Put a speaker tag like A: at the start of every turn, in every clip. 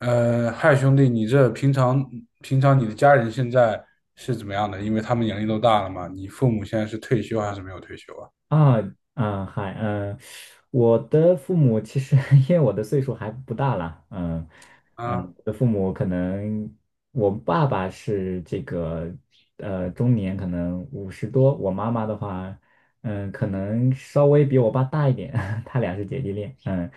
A: 嗨，兄弟，你这平常你的家人现在是怎么样的？因为他们年龄都大了嘛，你父母现在是退休还是没有退休啊？
B: 啊啊，嗨，我的父母其实 因为我的岁数还不大啦。嗯
A: 啊，
B: 我的父母可能我爸爸是这个中年，可能50多。我妈妈的话，可能稍微比我爸大一点，他俩是姐弟恋。嗯，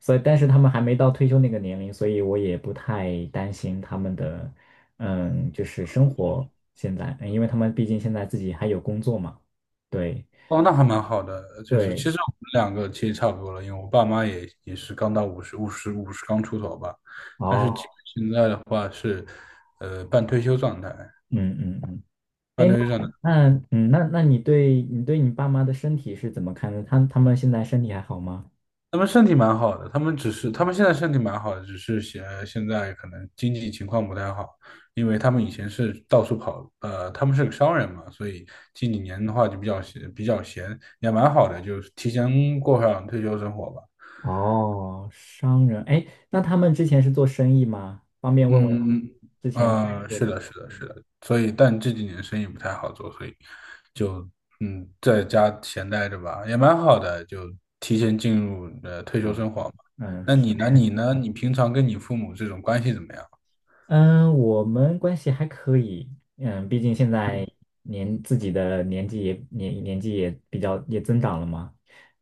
B: 所以但是他们还没到退休那个年龄，所以我也不太担心他们的就是生活现在，因为他们毕竟现在自己还有工作嘛。对。
A: 哦，那还蛮好的，就是
B: 对，
A: 其实我们两个其实差不多了，因为我爸妈也是刚到五十刚出头吧，但是基
B: 哦，
A: 本现在的话是，半退休状态，
B: 嗯嗯嗯。
A: 半
B: 哎，那
A: 退休状态。
B: 那嗯，那那你对你爸妈的身体是怎么看的？他们现在身体还好吗？
A: 他们身体蛮好的，他们现在身体蛮好的，只是现在可能经济情况不太好，因为他们以前是到处跑，他们是个商人嘛，所以近几年的话就比较闲，也蛮好的，就是提前过上退休生活吧。
B: 哦，商人。哎，那他们之前是做生意吗？方便问问他
A: 嗯，
B: 们之前在做
A: 是
B: 哪个？
A: 的，是的，是
B: 嗯
A: 的，所以，但这几年生意不太好做，所以就嗯，在家闲待着吧，也蛮好的，就提前进入退休生活嘛。
B: 嗯
A: 那你呢？你呢？你平常跟你父母这种关系怎么样？
B: 嗯，我们关系还可以。毕竟现在自己的年纪也比较也增长了嘛。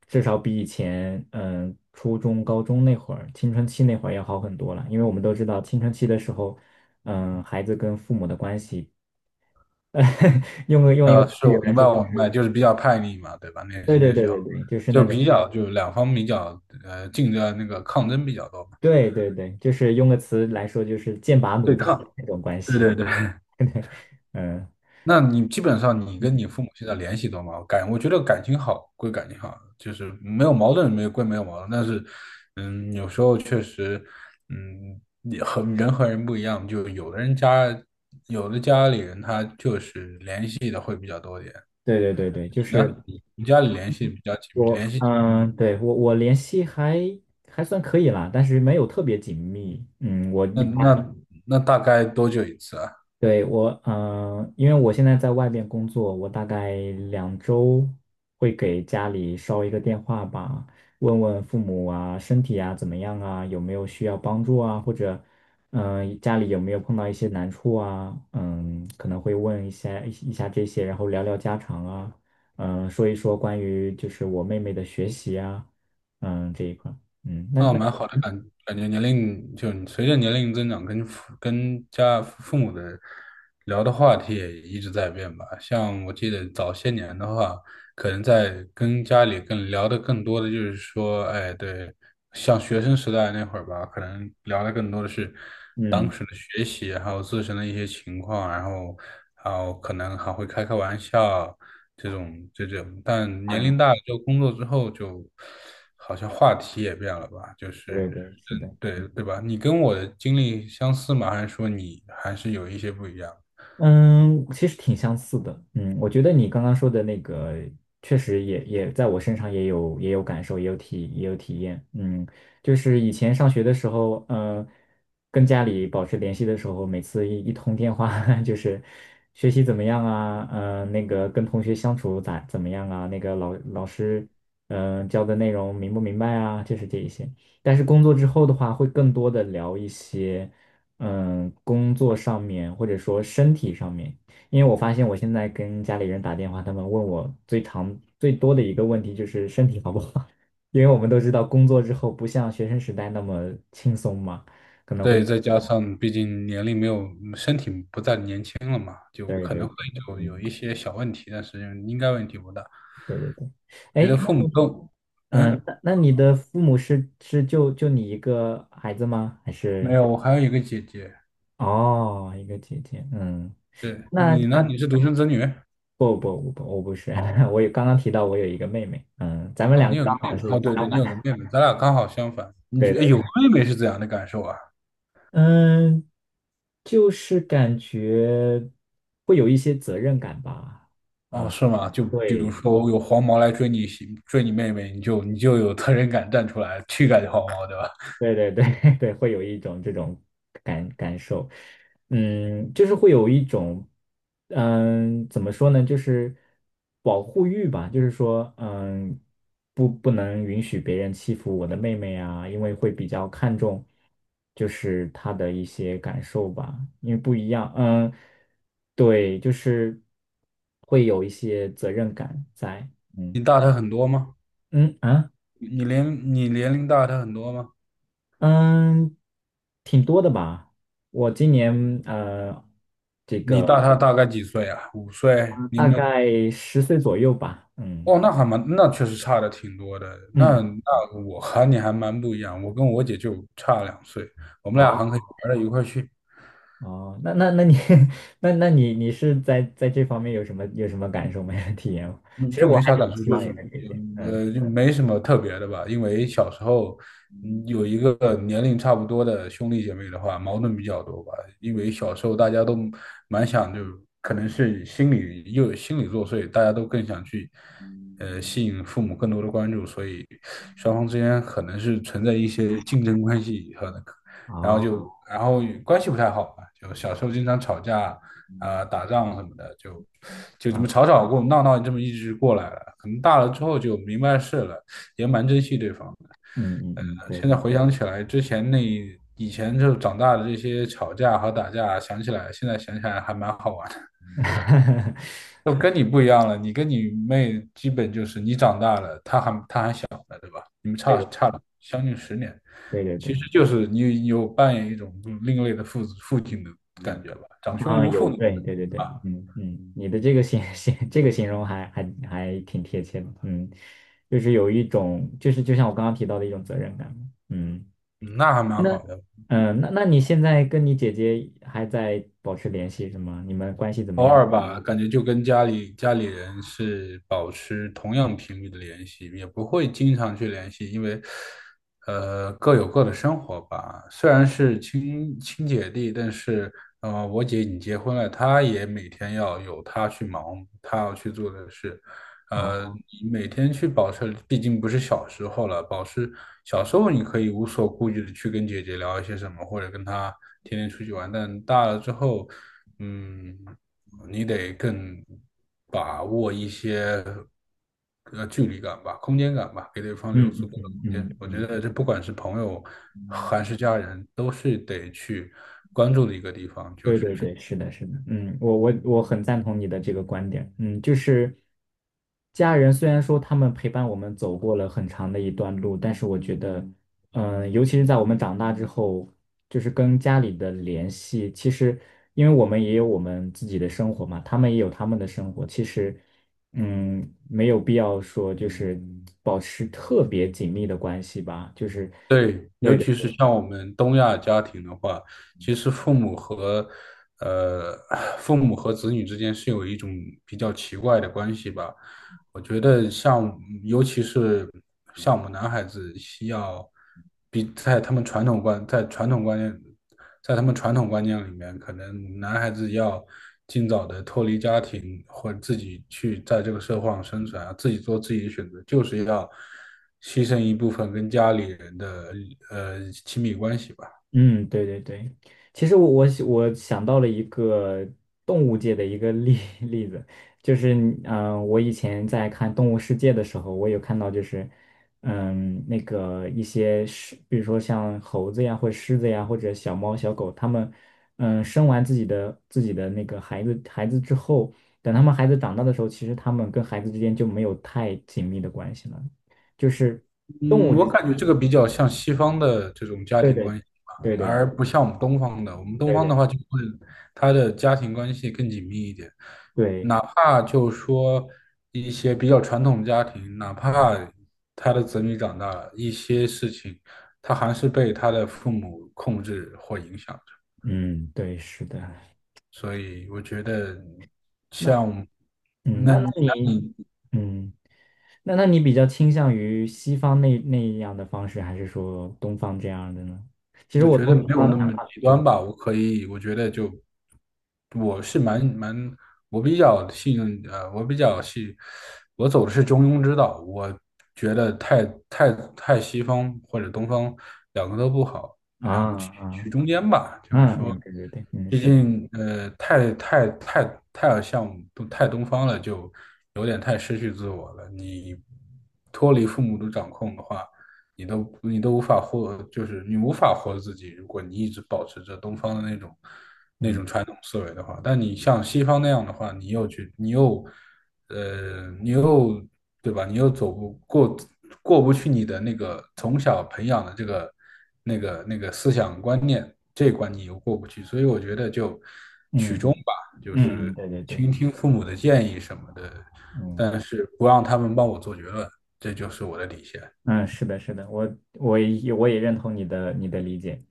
B: 至少比以前初中、高中那会儿青春期那会儿要好很多了。因为我们都知道青春期的时候，孩子跟父母的关系，用一个词
A: 是
B: 语
A: 我
B: 来
A: 明
B: 说
A: 白，
B: 就。
A: 我明白，就是比较叛逆嘛，对吧？那
B: 对
A: 是
B: 对
A: 那
B: 对
A: 时候
B: 对对，就是那
A: 就
B: 种。
A: 比较就两方比较竞争那个抗争比较多嘛，
B: 对对对，就是用个词来说就是剑拔弩
A: 对
B: 张的
A: 抗，
B: 那种关
A: 对
B: 系。
A: 对对。
B: 嗯
A: 那你基本上你跟
B: 嗯，
A: 你父母现在联系多吗？我觉得感情好归感情好，就是没有矛盾，但是嗯，有时候确实嗯，也和人不一样，就有的有的家里人他就是联系的会比较多一点。
B: 对对对对，就
A: 你呢？
B: 是。
A: 你家里联系比较紧密，联系紧密。
B: 对，我联系还算可以啦，但是没有特别紧密。
A: 那那大概多久一次啊？
B: 对，因为我现在在外边工作，我大概2周会给家里捎一个电话吧。问问父母啊，身体啊怎么样啊，有没有需要帮助啊，或者，家里有没有碰到一些难处啊，可能会问一下这些，然后聊聊家常啊。说一说关于就是我妹妹的学习啊。嗯，这一块儿。嗯，那
A: 哦，
B: 那
A: 蛮好
B: 你。
A: 的感觉，年龄就随着年龄增长跟，家父母的聊的话题也一直在变吧。像我记得早些年的话，可能在跟家里更多的就是说，哎，对，像学生时代那会儿吧，可能聊的更多的是
B: 嗯，
A: 当时的学习，还有自身的一些情况，然后，然后可能还会开开玩笑，这种，但年龄
B: 啊，
A: 大了之后，工作之后就好像话题也变了吧，就是
B: 对对对，是的。
A: 嗯，对对吧？你跟我的经历相似吗？还是说你还是有一些不一样？
B: 嗯，其实挺相似的。嗯，我觉得你刚刚说的那个，确实也在我身上也有感受，也有体验。嗯，就是以前上学的时候，跟家里保持联系的时候，每次一通电话，就是学习怎么样啊？嗯，那个跟同学相处怎么样啊？那个老师，教的内容明不明白啊？就是这一些。但是工作之后的话，会更多的聊一些。工作上面或者说身体上面。因为我发现我现在跟家里人打电话，他们问我最多的一个问题就是身体好不好，因为我们都知道工作之后不像学生时代那么轻松嘛。
A: 对，再加上毕竟年龄没有，身体不再年轻了嘛，就
B: 对
A: 可
B: 对
A: 能会
B: 对，
A: 有
B: 嗯，
A: 一些小问题，但是应该问题不大。
B: 对对对。
A: 我觉
B: 哎，
A: 得
B: 那
A: 父母都，
B: 嗯，
A: 嗯，
B: 那那你的父母是就你一个孩子吗？还
A: 没
B: 是
A: 有，我还有一个姐姐。
B: 哦，一个姐姐？嗯，
A: 对，
B: 那
A: 你呢？
B: 那
A: 你是独生子女？
B: 不不不，我不是，刚刚提到我有一个妹妹。嗯，咱们
A: 哦，
B: 两
A: 你
B: 个
A: 有个
B: 刚
A: 妹
B: 好
A: 妹，哦，
B: 是
A: 对对，
B: 相
A: 你
B: 反。
A: 有个妹妹，咱俩刚好相反。
B: 对对，
A: 有个妹妹是怎样的感受啊？
B: 嗯，就是感觉会有一些责任感吧。
A: 哦，
B: 啊，
A: 是吗？就比如
B: 对，
A: 说有黄毛来，追你妹妹，你就有责任感站出来去赶黄毛，对吧？
B: 对对对 对，会有一种这种感受，就是会有一种，怎么说呢，就是保护欲吧。就是说，不能允许别人欺负我的妹妹啊。因为会比较看重，就是她的一些感受吧。因为不一样，嗯，对，就是会有一些责任感在。嗯
A: 你大他很多吗？
B: 嗯啊。
A: 你年龄大他很多吗？
B: 嗯，挺多的吧。我今年呃，
A: 你大他大概几岁啊？五岁？你
B: 大
A: 们
B: 概10岁左右吧。嗯
A: 哦，那还蛮，那确实差的挺多的。
B: 嗯，
A: 那我和你还蛮不一样，我跟我姐就差两岁，我们俩还可
B: 哦
A: 以玩到一块儿去。
B: 哦，那你 那你是在这方面有什么感受没有 体验吗？
A: 嗯，
B: 其实
A: 就
B: 我
A: 没
B: 还
A: 啥
B: 挺
A: 感触，
B: 希
A: 就
B: 望
A: 是
B: 也个这
A: 也
B: 些。嗯，
A: 就没什么特别的吧。因为小时候，嗯，有一个年龄差不多的兄弟姐妹的话，矛盾比较多吧。因为小时候大家都蛮想，就可能是心理作祟，大家都更想去，吸引父母更多的关注，所以双方之间可能是存在一些竞争关系和，然后
B: 哦，
A: 就然后关系不太好吧，就小时候经常吵架、
B: 嗯
A: 啊、打仗什么的，就就这
B: 啊，
A: 么吵吵过闹闹，这么一直过来了。可能大了之后就明白事了，也蛮珍惜对方的。
B: 嗯嗯嗯，对
A: 现在
B: 对
A: 回想起来，之前那以前就长大的这些吵架和打架，想起来现在想起来还蛮好玩的。就跟你不一样了，你跟你妹基本就是你长大了，她还小，
B: 对对
A: 将近十年。
B: 对对对。
A: 其实就是你有扮演一种另类的父亲的感觉吧，长兄
B: 啊，
A: 如父
B: 有，对对对对，
A: 啊，
B: 嗯嗯。你的这个这个形容还挺贴切的。嗯，就是有一种，就像我刚刚提到的一种责任感。嗯，
A: 嗯，那还蛮
B: 那
A: 好的。
B: 那你现在跟你姐姐还在保持联系是吗？你们关系怎么
A: 偶
B: 样？
A: 尔吧，感觉就跟家里人是保持同样频率的联系，也不会经常去联系，因为各有各的生活吧。虽然是亲姐弟，但是我姐已经结婚了，她也每天要有她去忙，她要去做的事，呃，
B: 哦，
A: 你每天去保持，毕竟不是小时候了，保持小时候你可以无所顾忌的去跟姐姐聊一些什么，或者跟她天天出去玩，但大了之后，嗯，你得更把握一些距离感吧，空间感吧，给对方留
B: 嗯
A: 足够的
B: 嗯
A: 空间。
B: 嗯
A: 我觉
B: 嗯
A: 得这不管是朋友
B: 嗯，
A: 还是家人，都是得去关注的一个地方，就
B: 对
A: 是
B: 对
A: 距离。
B: 对，是的，是的，嗯。我很赞同你的这个观点。嗯，就是家人虽然说他们陪伴我们走过了很长的一段路。但是我觉得，尤其是在我们长大之后，就是跟家里的联系，其实因为我们也有我们自己的生活嘛，他们也有他们的生活。其实，没有必要说就是保持特别紧密的关系吧，就是。
A: 对，尤
B: 对
A: 其
B: 的。
A: 是像我们东亚家庭的话，其实呃父母和子女之间是有一种比较奇怪的关系吧。我觉得像，尤其是像我们男孩子，需要比在他们传统观，在传统观念，在他们传统观念里面，可能男孩子要尽早的脱离家庭，或者自己去在这个社会上生存啊，自己做自己的选择，就是要牺牲一部分跟家里人的亲密关系吧。
B: 嗯，对对对。其实我想到了一个动物界的一个例子。就是我以前在看《动物世界》的时候，我有看到就是那个一些比如说像猴子呀，或者狮子呀，或者小猫小狗。它们生完自己的那个孩子之后，等他们孩子长大的时候，其实他们跟孩子之间就没有太紧密的关系了，就是动物
A: 嗯，我
B: 之间。
A: 感觉这个比较像西方的这种家
B: 对
A: 庭
B: 对
A: 关系吧，
B: 对对对
A: 而不像我们东方的。我们东
B: 对
A: 方
B: 对
A: 的
B: 对。
A: 话，就会他的家庭关系更紧密一点，
B: 对，
A: 哪怕就说一些比较传统的家庭，哪怕他的子女长大了，一些事情他还是被他的父母控制或影响着。
B: 嗯，对，是的。
A: 所以我觉得
B: 那
A: 像，
B: 嗯，那那你
A: 你。
B: 嗯，那那你比较倾向于西方那样的方式，还是说东方这样的呢？其实
A: 我
B: 我
A: 觉得
B: 从
A: 没
B: 小
A: 有
B: 到
A: 那
B: 大
A: 么极端
B: 中
A: 吧，我可以，我觉得就我是蛮，我比较信，我走的是中庸之道，我觉得太西方或者东方两个都不好，
B: 啊
A: 两个取
B: 啊
A: 中间吧，就是
B: 嗯
A: 说，
B: 嗯，对对对，嗯，
A: 毕
B: 是的，
A: 竟太像太东方了，就有点太失去自我了，你脱离父母的掌控的话。你都无法获，就是你无法活自己。如果你一直保持着东方的那种
B: 嗯
A: 传统思维的话，但你像西方那样的话，你又去，你又呃，你又对吧？你又走不过过不去你的那个从小培养的这个那个思想观念这一关，你又过不去。所以我觉得就
B: 嗯
A: 取中
B: 嗯
A: 吧，就
B: 嗯，嗯，
A: 是
B: 对对对，
A: 倾听父母的建议什么的，
B: 嗯。
A: 但是不让他们帮我做决论，这就是我的底线。
B: 嗯，是的，是的。我也认同你的理解。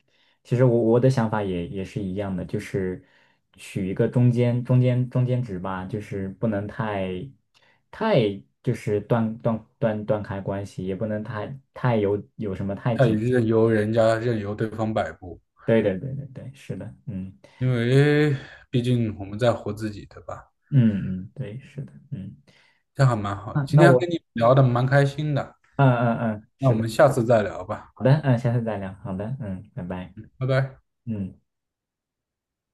B: 其实我的想法也是一样的，就是取一个中间值吧。就是不能太就是断开关系，也不能太有什么太
A: 他也
B: 紧。
A: 任由对方摆布，
B: 对对对对对，是的，嗯
A: 因为毕竟我们在活自己，对吧？
B: 嗯嗯，对，是的，嗯。
A: 这样还蛮好的。
B: 啊，
A: 今
B: 那
A: 天
B: 我
A: 跟你聊的蛮开心的，
B: 嗯嗯嗯，
A: 那我们下次再聊吧，
B: 好的。嗯，下次再聊。好的，嗯，拜拜。
A: 拜拜。
B: 嗯。